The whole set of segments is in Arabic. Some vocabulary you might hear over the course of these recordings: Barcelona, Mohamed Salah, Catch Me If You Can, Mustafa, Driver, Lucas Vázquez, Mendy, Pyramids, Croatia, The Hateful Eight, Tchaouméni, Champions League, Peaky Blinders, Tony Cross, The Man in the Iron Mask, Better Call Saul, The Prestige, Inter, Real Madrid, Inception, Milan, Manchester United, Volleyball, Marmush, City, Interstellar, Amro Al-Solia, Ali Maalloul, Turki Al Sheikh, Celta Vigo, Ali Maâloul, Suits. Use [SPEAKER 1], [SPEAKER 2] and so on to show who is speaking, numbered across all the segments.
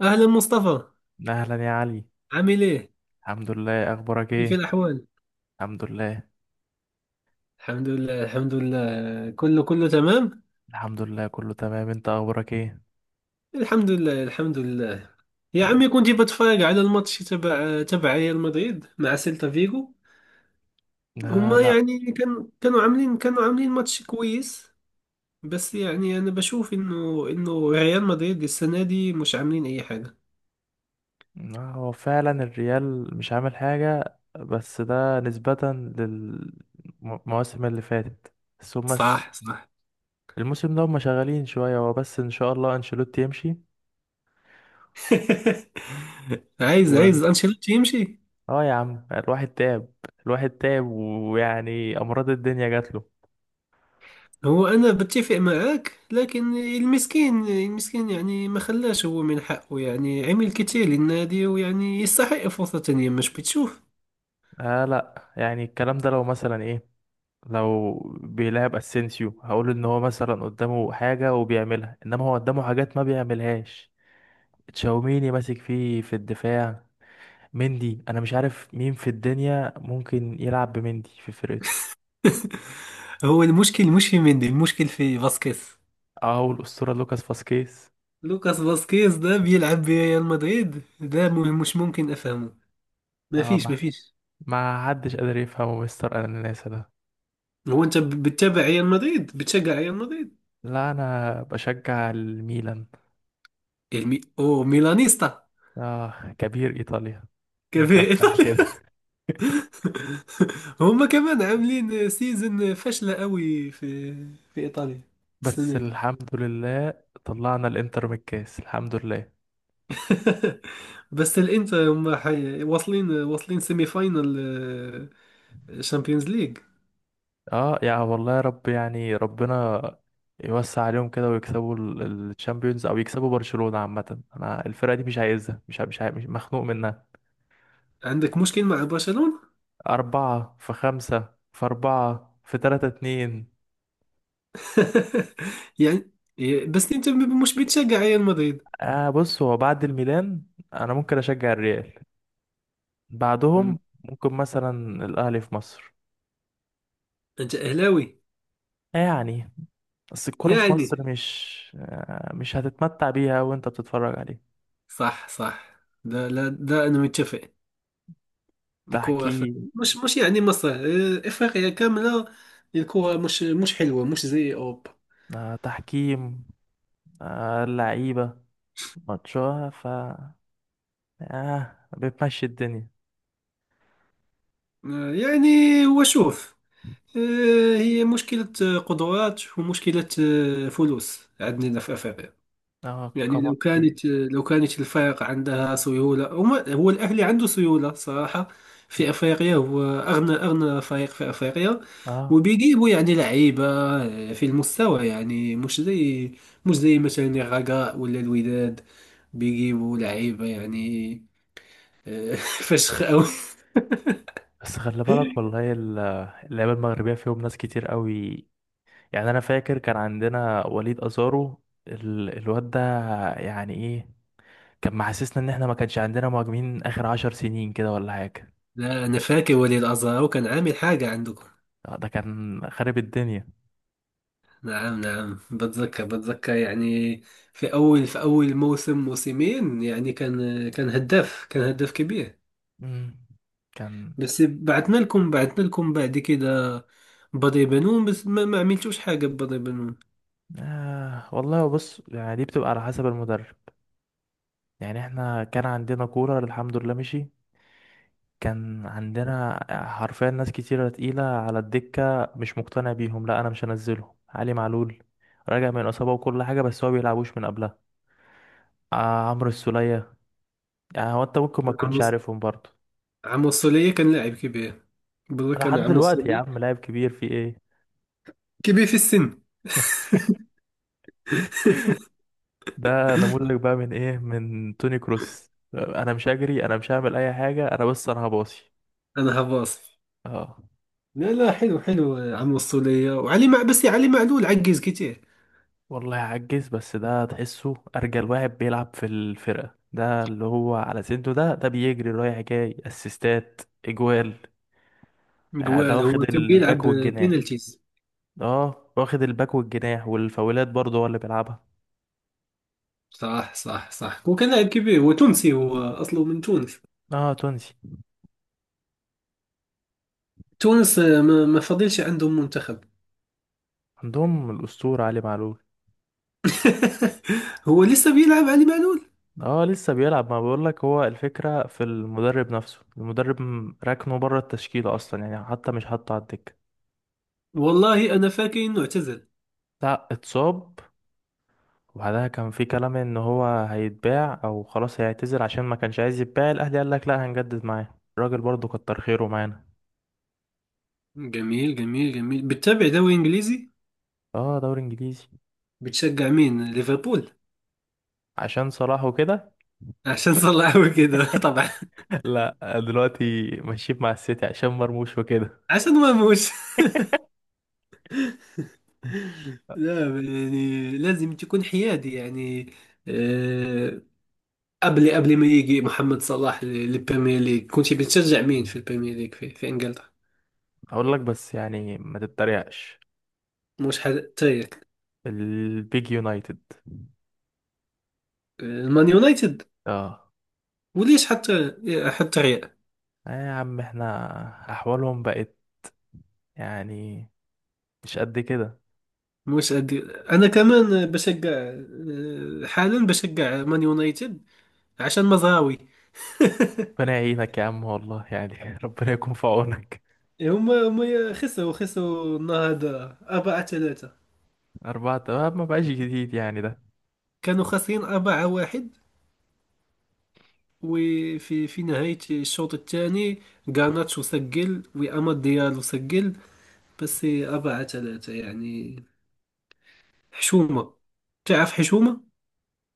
[SPEAKER 1] أهلا مصطفى،
[SPEAKER 2] اهلا يا علي.
[SPEAKER 1] عامل إيه؟
[SPEAKER 2] الحمد لله، اخبارك
[SPEAKER 1] كيف
[SPEAKER 2] ايه؟
[SPEAKER 1] الأحوال؟
[SPEAKER 2] الحمد لله،
[SPEAKER 1] الحمد لله، الحمد لله. كله تمام؟
[SPEAKER 2] الحمد لله كله تمام، انت اخبارك ايه؟
[SPEAKER 1] الحمد لله، الحمد لله. يا
[SPEAKER 2] تمام.
[SPEAKER 1] عمي، كنت بتفرج على الماتش تبع ريال مدريد مع سيلتا فيجو.
[SPEAKER 2] لا
[SPEAKER 1] هما
[SPEAKER 2] لا
[SPEAKER 1] يعني كانوا عاملين كانوا عاملين ماتش كويس. بس يعني أنا بشوف إنه ريال مدريد السنة دي مش عاملين أي حاجة.
[SPEAKER 2] لا، هو فعلا الريال مش عامل حاجة، بس ده نسبة للمواسم اللي فاتت. بس هما
[SPEAKER 1] صح، صح.
[SPEAKER 2] الموسم ده هما شغالين شوية، هو بس ان شاء الله انشيلوتي يمشي
[SPEAKER 1] عايز
[SPEAKER 2] و...
[SPEAKER 1] عايز أنشيلوتي يمشي.
[SPEAKER 2] اه يا عم الواحد تعب. ويعني امراض الدنيا جات له.
[SPEAKER 1] هو أنا بتفق معك، لكن المسكين المسكين، يعني ما خلاش، هو من حقه، يعني عمل كتير للنادي ويعني يستحق فرصة تانية، مش بتشوف؟
[SPEAKER 2] آه لا، يعني الكلام ده لو مثلا ايه لو بيلعب اسينسيو هقول ان هو مثلا قدامه حاجة وبيعملها، انما هو قدامه حاجات ما بيعملهاش. تشاوميني ماسك فيه في الدفاع، مندي، انا مش عارف مين في الدنيا ممكن يلعب بمندي في فرقته،
[SPEAKER 1] هو المشكل مش في مندي، المشكل في فاسكيز.
[SPEAKER 2] او الاسطورة لوكاس فاسكيز.
[SPEAKER 1] لوكاس فاسكيز ده بيلعب بريال مدريد ده، مش ممكن أفهمه. ما
[SPEAKER 2] اه
[SPEAKER 1] فيش،
[SPEAKER 2] ما
[SPEAKER 1] ما فيش.
[SPEAKER 2] ما حدش قادر يفهمه مستر اناناسا ده.
[SPEAKER 1] هو أنت بتتابع ريال مدريد، بتشجع ريال مدريد؟
[SPEAKER 2] لا انا بشجع الميلان.
[SPEAKER 1] أو ميلانيستا.
[SPEAKER 2] اه، كبير ايطاليا من
[SPEAKER 1] كيف
[SPEAKER 2] كام سنة
[SPEAKER 1] إيطالي؟
[SPEAKER 2] كده.
[SPEAKER 1] هما كمان عاملين سيزن فاشلة قوي في إيطاليا
[SPEAKER 2] بس
[SPEAKER 1] السنة دي.
[SPEAKER 2] الحمد لله، طلعنا الانتر من الكاس، الحمد لله.
[SPEAKER 1] بس الإنتر هما حي... واصلين واصلين سيمي فاينل شامبيونز ليج.
[SPEAKER 2] اه يا والله، يا رب يعني ربنا يوسع عليهم كده ويكسبوا الشامبيونز، او يكسبوا برشلونة. عامة انا الفرقة دي مش عايزها، مش مخنوق منها.
[SPEAKER 1] عندك مشكل مع برشلونة؟
[SPEAKER 2] أربعة في خمسة في أربعة في تلاتة اتنين.
[SPEAKER 1] يعني، بس أنت مش بتشجع ريال مدريد.
[SPEAKER 2] آه بص، هو بعد الميلان انا ممكن اشجع الريال،
[SPEAKER 1] مم.
[SPEAKER 2] بعدهم ممكن مثلا الاهلي في مصر.
[SPEAKER 1] أنت أهلاوي؟
[SPEAKER 2] آه يعني، بس الكرة في
[SPEAKER 1] يعني
[SPEAKER 2] مصر مش هتتمتع بيها وانت بتتفرج عليه.
[SPEAKER 1] صح، صح. ده لا، ده أنا متفق. الكورة
[SPEAKER 2] تحكيم.
[SPEAKER 1] مش يعني مصر، إفريقيا كاملة. الكورة مش حلوة، مش زي أوروبا.
[SPEAKER 2] آه تحكيم، آه لعيبة، ماتشوها ف اه بتمشي الدنيا.
[SPEAKER 1] يعني هو شوف، هي مشكلة قدرات ومشكلة، فلوس عندنا في أفريقيا.
[SPEAKER 2] اه كم.
[SPEAKER 1] يعني لو كانت الفرق عندها سيولة، هو الأهلي عنده سيولة صراحة. في أفريقيا هو أغنى فريق في أفريقيا.
[SPEAKER 2] اه
[SPEAKER 1] وبيجيبوا يعني لعيبة، في المستوى، يعني مش زي مثلا الرجاء ولا الوداد. بيجيبوا لعيبة يعني، آه، فشخ أوي.
[SPEAKER 2] بس خلي بالك والله، اللعيبه المغربيه فيهم ناس كتير قوي. يعني انا فاكر كان عندنا وليد ازارو، الواد ده يعني ايه، كان محسسنا ان احنا ما كانش عندنا مهاجمين اخر عشر سنين كده ولا حاجه.
[SPEAKER 1] لا، أنا فاكر وليد أزهر كان عامل حاجة عندكم.
[SPEAKER 2] آه، ده كان خارب الدنيا.
[SPEAKER 1] نعم، نعم، بتذكر، يعني في أول موسم موسمين، يعني كان هداف، كان هداف كبير.
[SPEAKER 2] مم. كان
[SPEAKER 1] بس بعتنا لكم بعد كده بدر بنون، بس ما عملتوش حاجة ببدر بنون.
[SPEAKER 2] آه والله. بص يعني دي بتبقى على حسب المدرب، يعني احنا كان عندنا كولر الحمد لله مشي، كان عندنا حرفيا ناس كتيرة تقيلة على الدكة مش مقتنع بيهم. لا أنا مش هنزله، علي معلول راجع من إصابة وكل حاجة بس هو بيلعبوش من قبلها. آه، عمرو السولية، يعني هو أنت ممكن ما
[SPEAKER 1] عمو
[SPEAKER 2] تكونش عارفهم برضه.
[SPEAKER 1] عمو الصولية كان لاعب كبير، بتذكر
[SPEAKER 2] لحد
[SPEAKER 1] أنا عمو
[SPEAKER 2] دلوقتي يا
[SPEAKER 1] الصولية،
[SPEAKER 2] عم لاعب كبير في إيه.
[SPEAKER 1] كبير في السن.
[SPEAKER 2] ده نموذج بقى من إيه، من توني كروس؟ أنا مش هجري، أنا مش هعمل أي حاجة، أنا بس أنا هباصي.
[SPEAKER 1] أنا هباصي.
[SPEAKER 2] اه
[SPEAKER 1] لا، لا، حلو، حلو، عمو الصولية وعلي مع بس علي معلول عجز كتير.
[SPEAKER 2] والله عجز، بس ده تحسه ارجل واحد بيلعب في الفرقه، ده اللي هو على سنته ده ده بيجري رايح جاي، اسيستات، اجوال. يعني ده
[SPEAKER 1] جوال،
[SPEAKER 2] واخد
[SPEAKER 1] هو كان بيلعب
[SPEAKER 2] الباك والجناح.
[SPEAKER 1] بينالتيز.
[SPEAKER 2] اه واخد الباك والجناح والفاولات برضه هو اللي بيلعبها.
[SPEAKER 1] صح، صح، صح، هو كان لاعب كبير، هو تونسي، هو اصله من تونس.
[SPEAKER 2] اه تونسي.
[SPEAKER 1] تونس، ما فضلش عندهم منتخب.
[SPEAKER 2] عندهم الاسطوره علي معلول.
[SPEAKER 1] هو لسه بيلعب علي معلول؟
[SPEAKER 2] اه لسه بيلعب، ما بقولك هو الفكره في المدرب نفسه، ركنه بره التشكيله اصلا، يعني حتى مش حاطه على الدكه.
[SPEAKER 1] والله انا فاكر انه اعتزل.
[SPEAKER 2] لا اتصاب، وبعدها كان في كلام ان هو هيتباع او خلاص هيعتزل عشان ما كانش عايز يتباع، الاهلي قال لك لا هنجدد معاه، الراجل برضه كتر خيره معانا.
[SPEAKER 1] جميل، جميل، جميل. بتتابع دوري انجليزي؟
[SPEAKER 2] اه دوري انجليزي.
[SPEAKER 1] بتشجع مين؟ ليفربول؟
[SPEAKER 2] عشان صلاح وكده.
[SPEAKER 1] عشان صلحوا كده. طبعا.
[SPEAKER 2] لا، دلوقتي ماشيين مع السيتي عشان مرموش وكده.
[SPEAKER 1] عشان ما موش. لا، يعني لازم تكون حيادي يعني، آه، قبل ما يجي محمد صلاح للبريمير ليج، كنتي بتشجع مين في البريمير ليج، في انجلترا؟
[SPEAKER 2] اقول لك بس يعني ما تتريقش،
[SPEAKER 1] مش حتى،
[SPEAKER 2] البيج يونايتد.
[SPEAKER 1] المان يونايتد.
[SPEAKER 2] اه.
[SPEAKER 1] وليش حتى ريال؟
[SPEAKER 2] آه يا عم احنا، احوالهم بقت يعني مش قد كده.
[SPEAKER 1] مش أدي... انا كمان بشجع، حالا بشجع مان يونايتد عشان مزراوي.
[SPEAKER 2] ربنا يعينك يا عم والله، يعني ربنا يكون في عونك.
[SPEAKER 1] هما خسروا النهارده 4-3.
[SPEAKER 2] أربعة آه، ما بقاش جديد يعني ده.
[SPEAKER 1] كانوا خاسرين 4-1 وفي، في نهاية الشوط الثاني، غارناتشو سجل وأماد ديالو سجل، بس 4-3 يعني حشومة. تعرف حشومة؟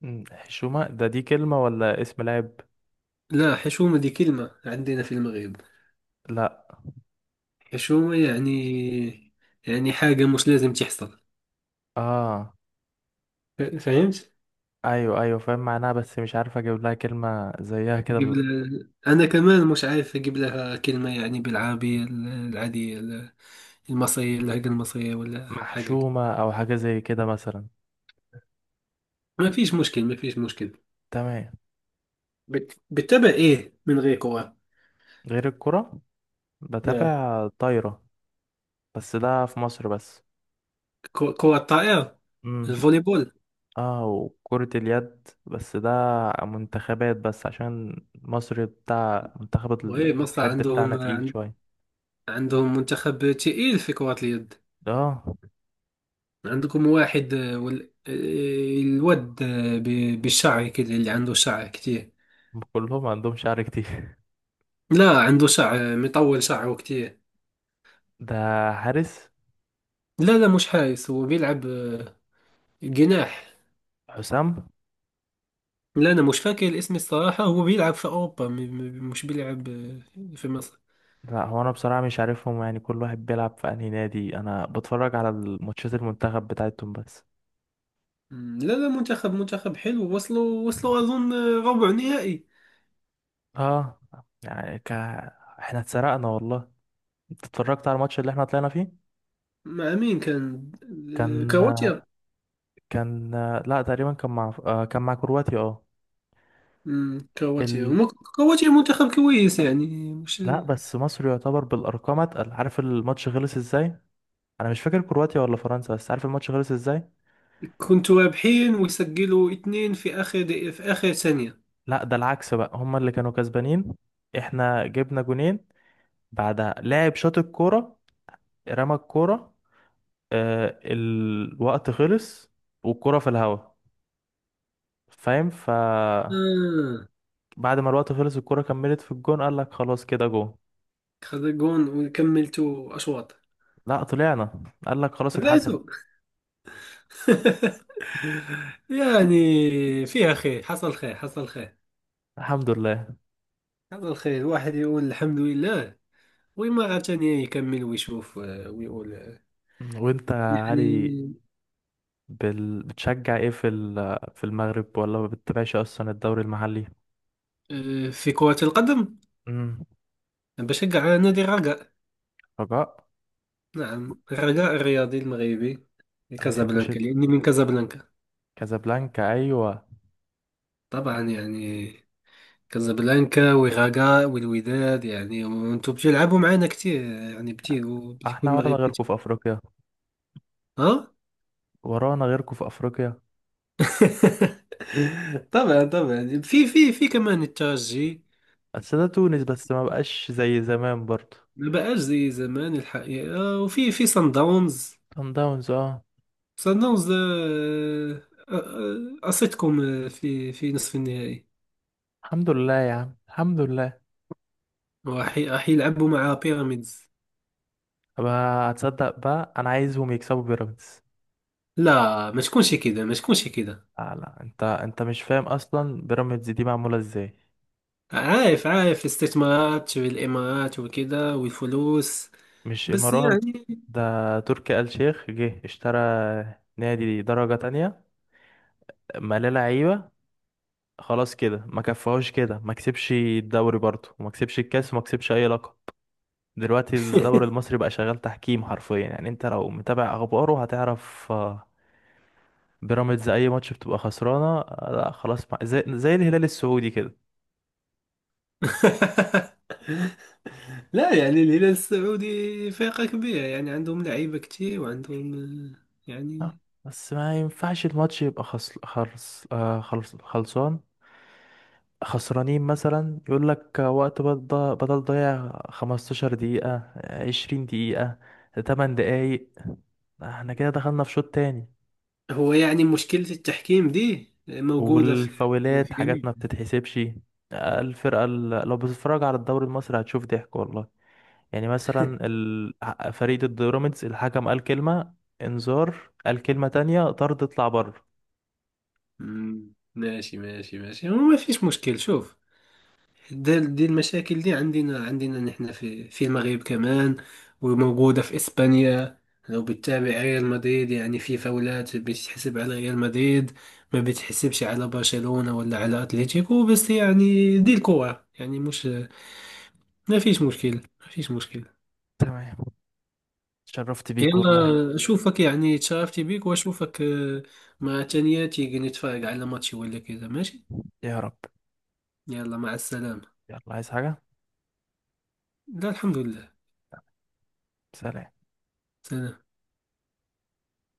[SPEAKER 2] مم، حشومة ده دي كلمة ولا اسم لاعب؟
[SPEAKER 1] لا، حشومة دي كلمة عندنا في المغرب.
[SPEAKER 2] لا.
[SPEAKER 1] حشومة يعني حاجة مش لازم تحصل.
[SPEAKER 2] اه
[SPEAKER 1] فهمت؟
[SPEAKER 2] ايوه ايوه فاهم معناها، بس مش عارف اجيب لها كلمة زيها كده
[SPEAKER 1] قبل، أنا كمان مش عارف أجيب لها كلمة يعني بالعربية، العادية، المصرية، اللهجة المصرية ولا حاجة.
[SPEAKER 2] محشومة او حاجة زي كده مثلا.
[SPEAKER 1] ما فيش مشكل، ما فيش مشكل.
[SPEAKER 2] تمام.
[SPEAKER 1] بتتابع إيه من غير كرة؟
[SPEAKER 2] غير الكرة،
[SPEAKER 1] نعم.
[SPEAKER 2] بتابع طايرة بس ده في مصر بس.
[SPEAKER 1] كرة الطائرة،
[SPEAKER 2] امم.
[SPEAKER 1] الفوليبول.
[SPEAKER 2] اه وكرة اليد، بس ده منتخبات بس عشان مصر، بتاع منتخب
[SPEAKER 1] وهي
[SPEAKER 2] ال-
[SPEAKER 1] مصر
[SPEAKER 2] اليد بتاعنا
[SPEAKER 1] عندهم
[SPEAKER 2] تقيل شوية.
[SPEAKER 1] عندهم منتخب تقيل في كرة اليد؟
[SPEAKER 2] اه.
[SPEAKER 1] عندكم واحد، الواد، بالشعر كده، اللي عنده شعر كتير.
[SPEAKER 2] كلهم عندهم شعر كتير.
[SPEAKER 1] لا، عنده شعر، مطول شعره كتير.
[SPEAKER 2] ده حارس.
[SPEAKER 1] لا، لا، مش حارس، هو بيلعب، جناح.
[SPEAKER 2] حسام.
[SPEAKER 1] لا، أنا مش فاكر الاسم الصراحة. هو بيلعب في أوروبا، مش بيلعب، في مصر.
[SPEAKER 2] لا، هو انا بصراحه مش عارفهم، يعني كل واحد بيلعب في انهي نادي، انا بتفرج على الماتشات المنتخب بتاعتهم بس.
[SPEAKER 1] مم، لا، لا، منتخب، منتخب حلو. وصلوا أظن، ربع نهائي.
[SPEAKER 2] اه، يعني ك... احنا اتسرقنا والله. انت اتفرجت على الماتش اللي احنا طلعنا فيه؟
[SPEAKER 1] مع مين كان؟
[SPEAKER 2] كان.
[SPEAKER 1] كرواتيا؟
[SPEAKER 2] كان لا تقريبا كان مع آه، كان مع كرواتيا اه.
[SPEAKER 1] مم، كرواتيا
[SPEAKER 2] ال...
[SPEAKER 1] هما كرواتيا منتخب كويس، يعني مش.
[SPEAKER 2] لا بس مصر يعتبر بالارقام اتقل، عارف الماتش خلص ازاي؟ انا مش فاكر كرواتيا ولا فرنسا، بس عارف الماتش خلص ازاي.
[SPEAKER 1] كنتوا رابحين وسجلوا اثنين في اخر دقيقة، في اخر ثانية.
[SPEAKER 2] لا ده العكس بقى، هما اللي كانوا كسبانين، احنا جبنا جونين، بعدها لاعب شاط الكوره، رمى الكوره، آه، الوقت خلص والكرة في الهوا، فاهم؟
[SPEAKER 1] آه
[SPEAKER 2] بعد ما الوقت خلص الكرة كملت في الجون، قال لك خلاص كده جون.
[SPEAKER 1] خذ جون، وكملتوا اشواط؟
[SPEAKER 2] لا طلعنا، قال لك خلاص اتحسب.
[SPEAKER 1] طلعتوا؟ يعني فيها خير، حصل خير، حصل خير،
[SPEAKER 2] الحمد لله.
[SPEAKER 1] حصل خير، الواحد يقول الحمد لله. ومرة ثانية يكمل ويشوف، ويقول،
[SPEAKER 2] وانت يا علي،
[SPEAKER 1] يعني،
[SPEAKER 2] بتشجع ايه في المغرب، ولا ما بتتابعش اصلا الدوري المحلي؟
[SPEAKER 1] في كرة القدم
[SPEAKER 2] امم.
[SPEAKER 1] بشجع نادي الرجاء.
[SPEAKER 2] رجاء.
[SPEAKER 1] نعم، غلاء الرياضي المغربي
[SPEAKER 2] ما بتحبش
[SPEAKER 1] لكازابلانكا لأني من كازابلانكا.
[SPEAKER 2] كازابلانكا؟ ايوه.
[SPEAKER 1] طبعا، يعني كازابلانكا وغاكا والوداد، يعني وانتم بتلعبوا معانا كتير، يعني بتيجوا
[SPEAKER 2] احنا ورانا
[SPEAKER 1] المغرب
[SPEAKER 2] غيركم
[SPEAKER 1] كتير.
[SPEAKER 2] في افريقيا.
[SPEAKER 1] ها.
[SPEAKER 2] ورانا غيركم في افريقيا.
[SPEAKER 1] طبعا طبعا، في كمان الترجي.
[SPEAKER 2] بس ده تونس بس، ما بقاش زي زمان برضه.
[SPEAKER 1] ما بقاش زي زمان الحقيقة. في سان داونز.
[SPEAKER 2] صن داونز اه.
[SPEAKER 1] سان داونز، قصتكم، في نصف النهائي.
[SPEAKER 2] الحمد لله يا عم، الحمد لله.
[SPEAKER 1] وراح يلعبوا مع بيراميدز.
[SPEAKER 2] طب هتصدق بقى انا عايزهم يكسبوا بيراميدز.
[SPEAKER 1] لا، ما تكونش كده، ما تكونش كده.
[SPEAKER 2] لا، انت انت مش فاهم اصلا بيراميدز دي معموله ازاي.
[SPEAKER 1] عارف الاستثمارات والإمارات وكده والفلوس.
[SPEAKER 2] مش
[SPEAKER 1] بس
[SPEAKER 2] امارات،
[SPEAKER 1] يعني.
[SPEAKER 2] ده تركي آل شيخ جه اشترى نادي درجه تانية، ملاه لعيبه، خلاص كده. ما كفاهوش كده، ما كسبش الدوري برضه وما كسبش الكاس وما كسبش اي لقب. دلوقتي الدوري المصري بقى شغال تحكيم حرفيا، يعني انت لو متابع اخباره هتعرف. آه، بيراميدز اي ماتش بتبقى خسرانه آه، لا خلاص، زي الهلال السعودي كده.
[SPEAKER 1] لا، يعني الهلال السعودي فرقة كبيرة، يعني عندهم لعيبة كتير وعندهم، يعني.
[SPEAKER 2] آه، بس ما ينفعش الماتش يبقى خص... خرص... آه، خلص... خلصان، خسرانين، مثلا يقول لك وقت بدل، ضيع 15 دقيقة آه، 20 دقيقة، 8 دقايق، احنا كده دخلنا في شوط تاني.
[SPEAKER 1] هو يعني مشكلة التحكيم دي موجودة في
[SPEAKER 2] والفاولات
[SPEAKER 1] في
[SPEAKER 2] حاجات
[SPEAKER 1] جميع.
[SPEAKER 2] ما بتتحسبش. آه، لو بتتفرج على الدوري المصري هتشوف ضحك والله. يعني مثلا فريق ضد بيراميدز، الحكم قال كلمة انذار، قال كلمة تانية طرد اطلع بره.
[SPEAKER 1] مم، ماشي، ماشي، ماشي، هو ما فيش مشكل. شوف، دي المشاكل دي عندنا، عندنا نحن في المغرب كمان. وموجودة في إسبانيا. لو بتتابع ريال مدريد يعني في فاولات بتحسب على ريال مدريد ما بتحسبش على برشلونة ولا على أتلتيكو. بس يعني دي الكورة، يعني مش. ما فيش مشكل، ما فيش مشكل.
[SPEAKER 2] تمام، اتشرفت بيك والله.
[SPEAKER 1] يلا أشوفك، يعني تشرفت بيك وأشوفك، مع تانياتي نتفرج على ماتشي ولا كذا، ماشي؟
[SPEAKER 2] يا رب.
[SPEAKER 1] يلا مع السلامة.
[SPEAKER 2] يلا، عايز حاجة؟
[SPEAKER 1] لا، الحمد لله.
[SPEAKER 2] سلام.
[SPEAKER 1] سلام.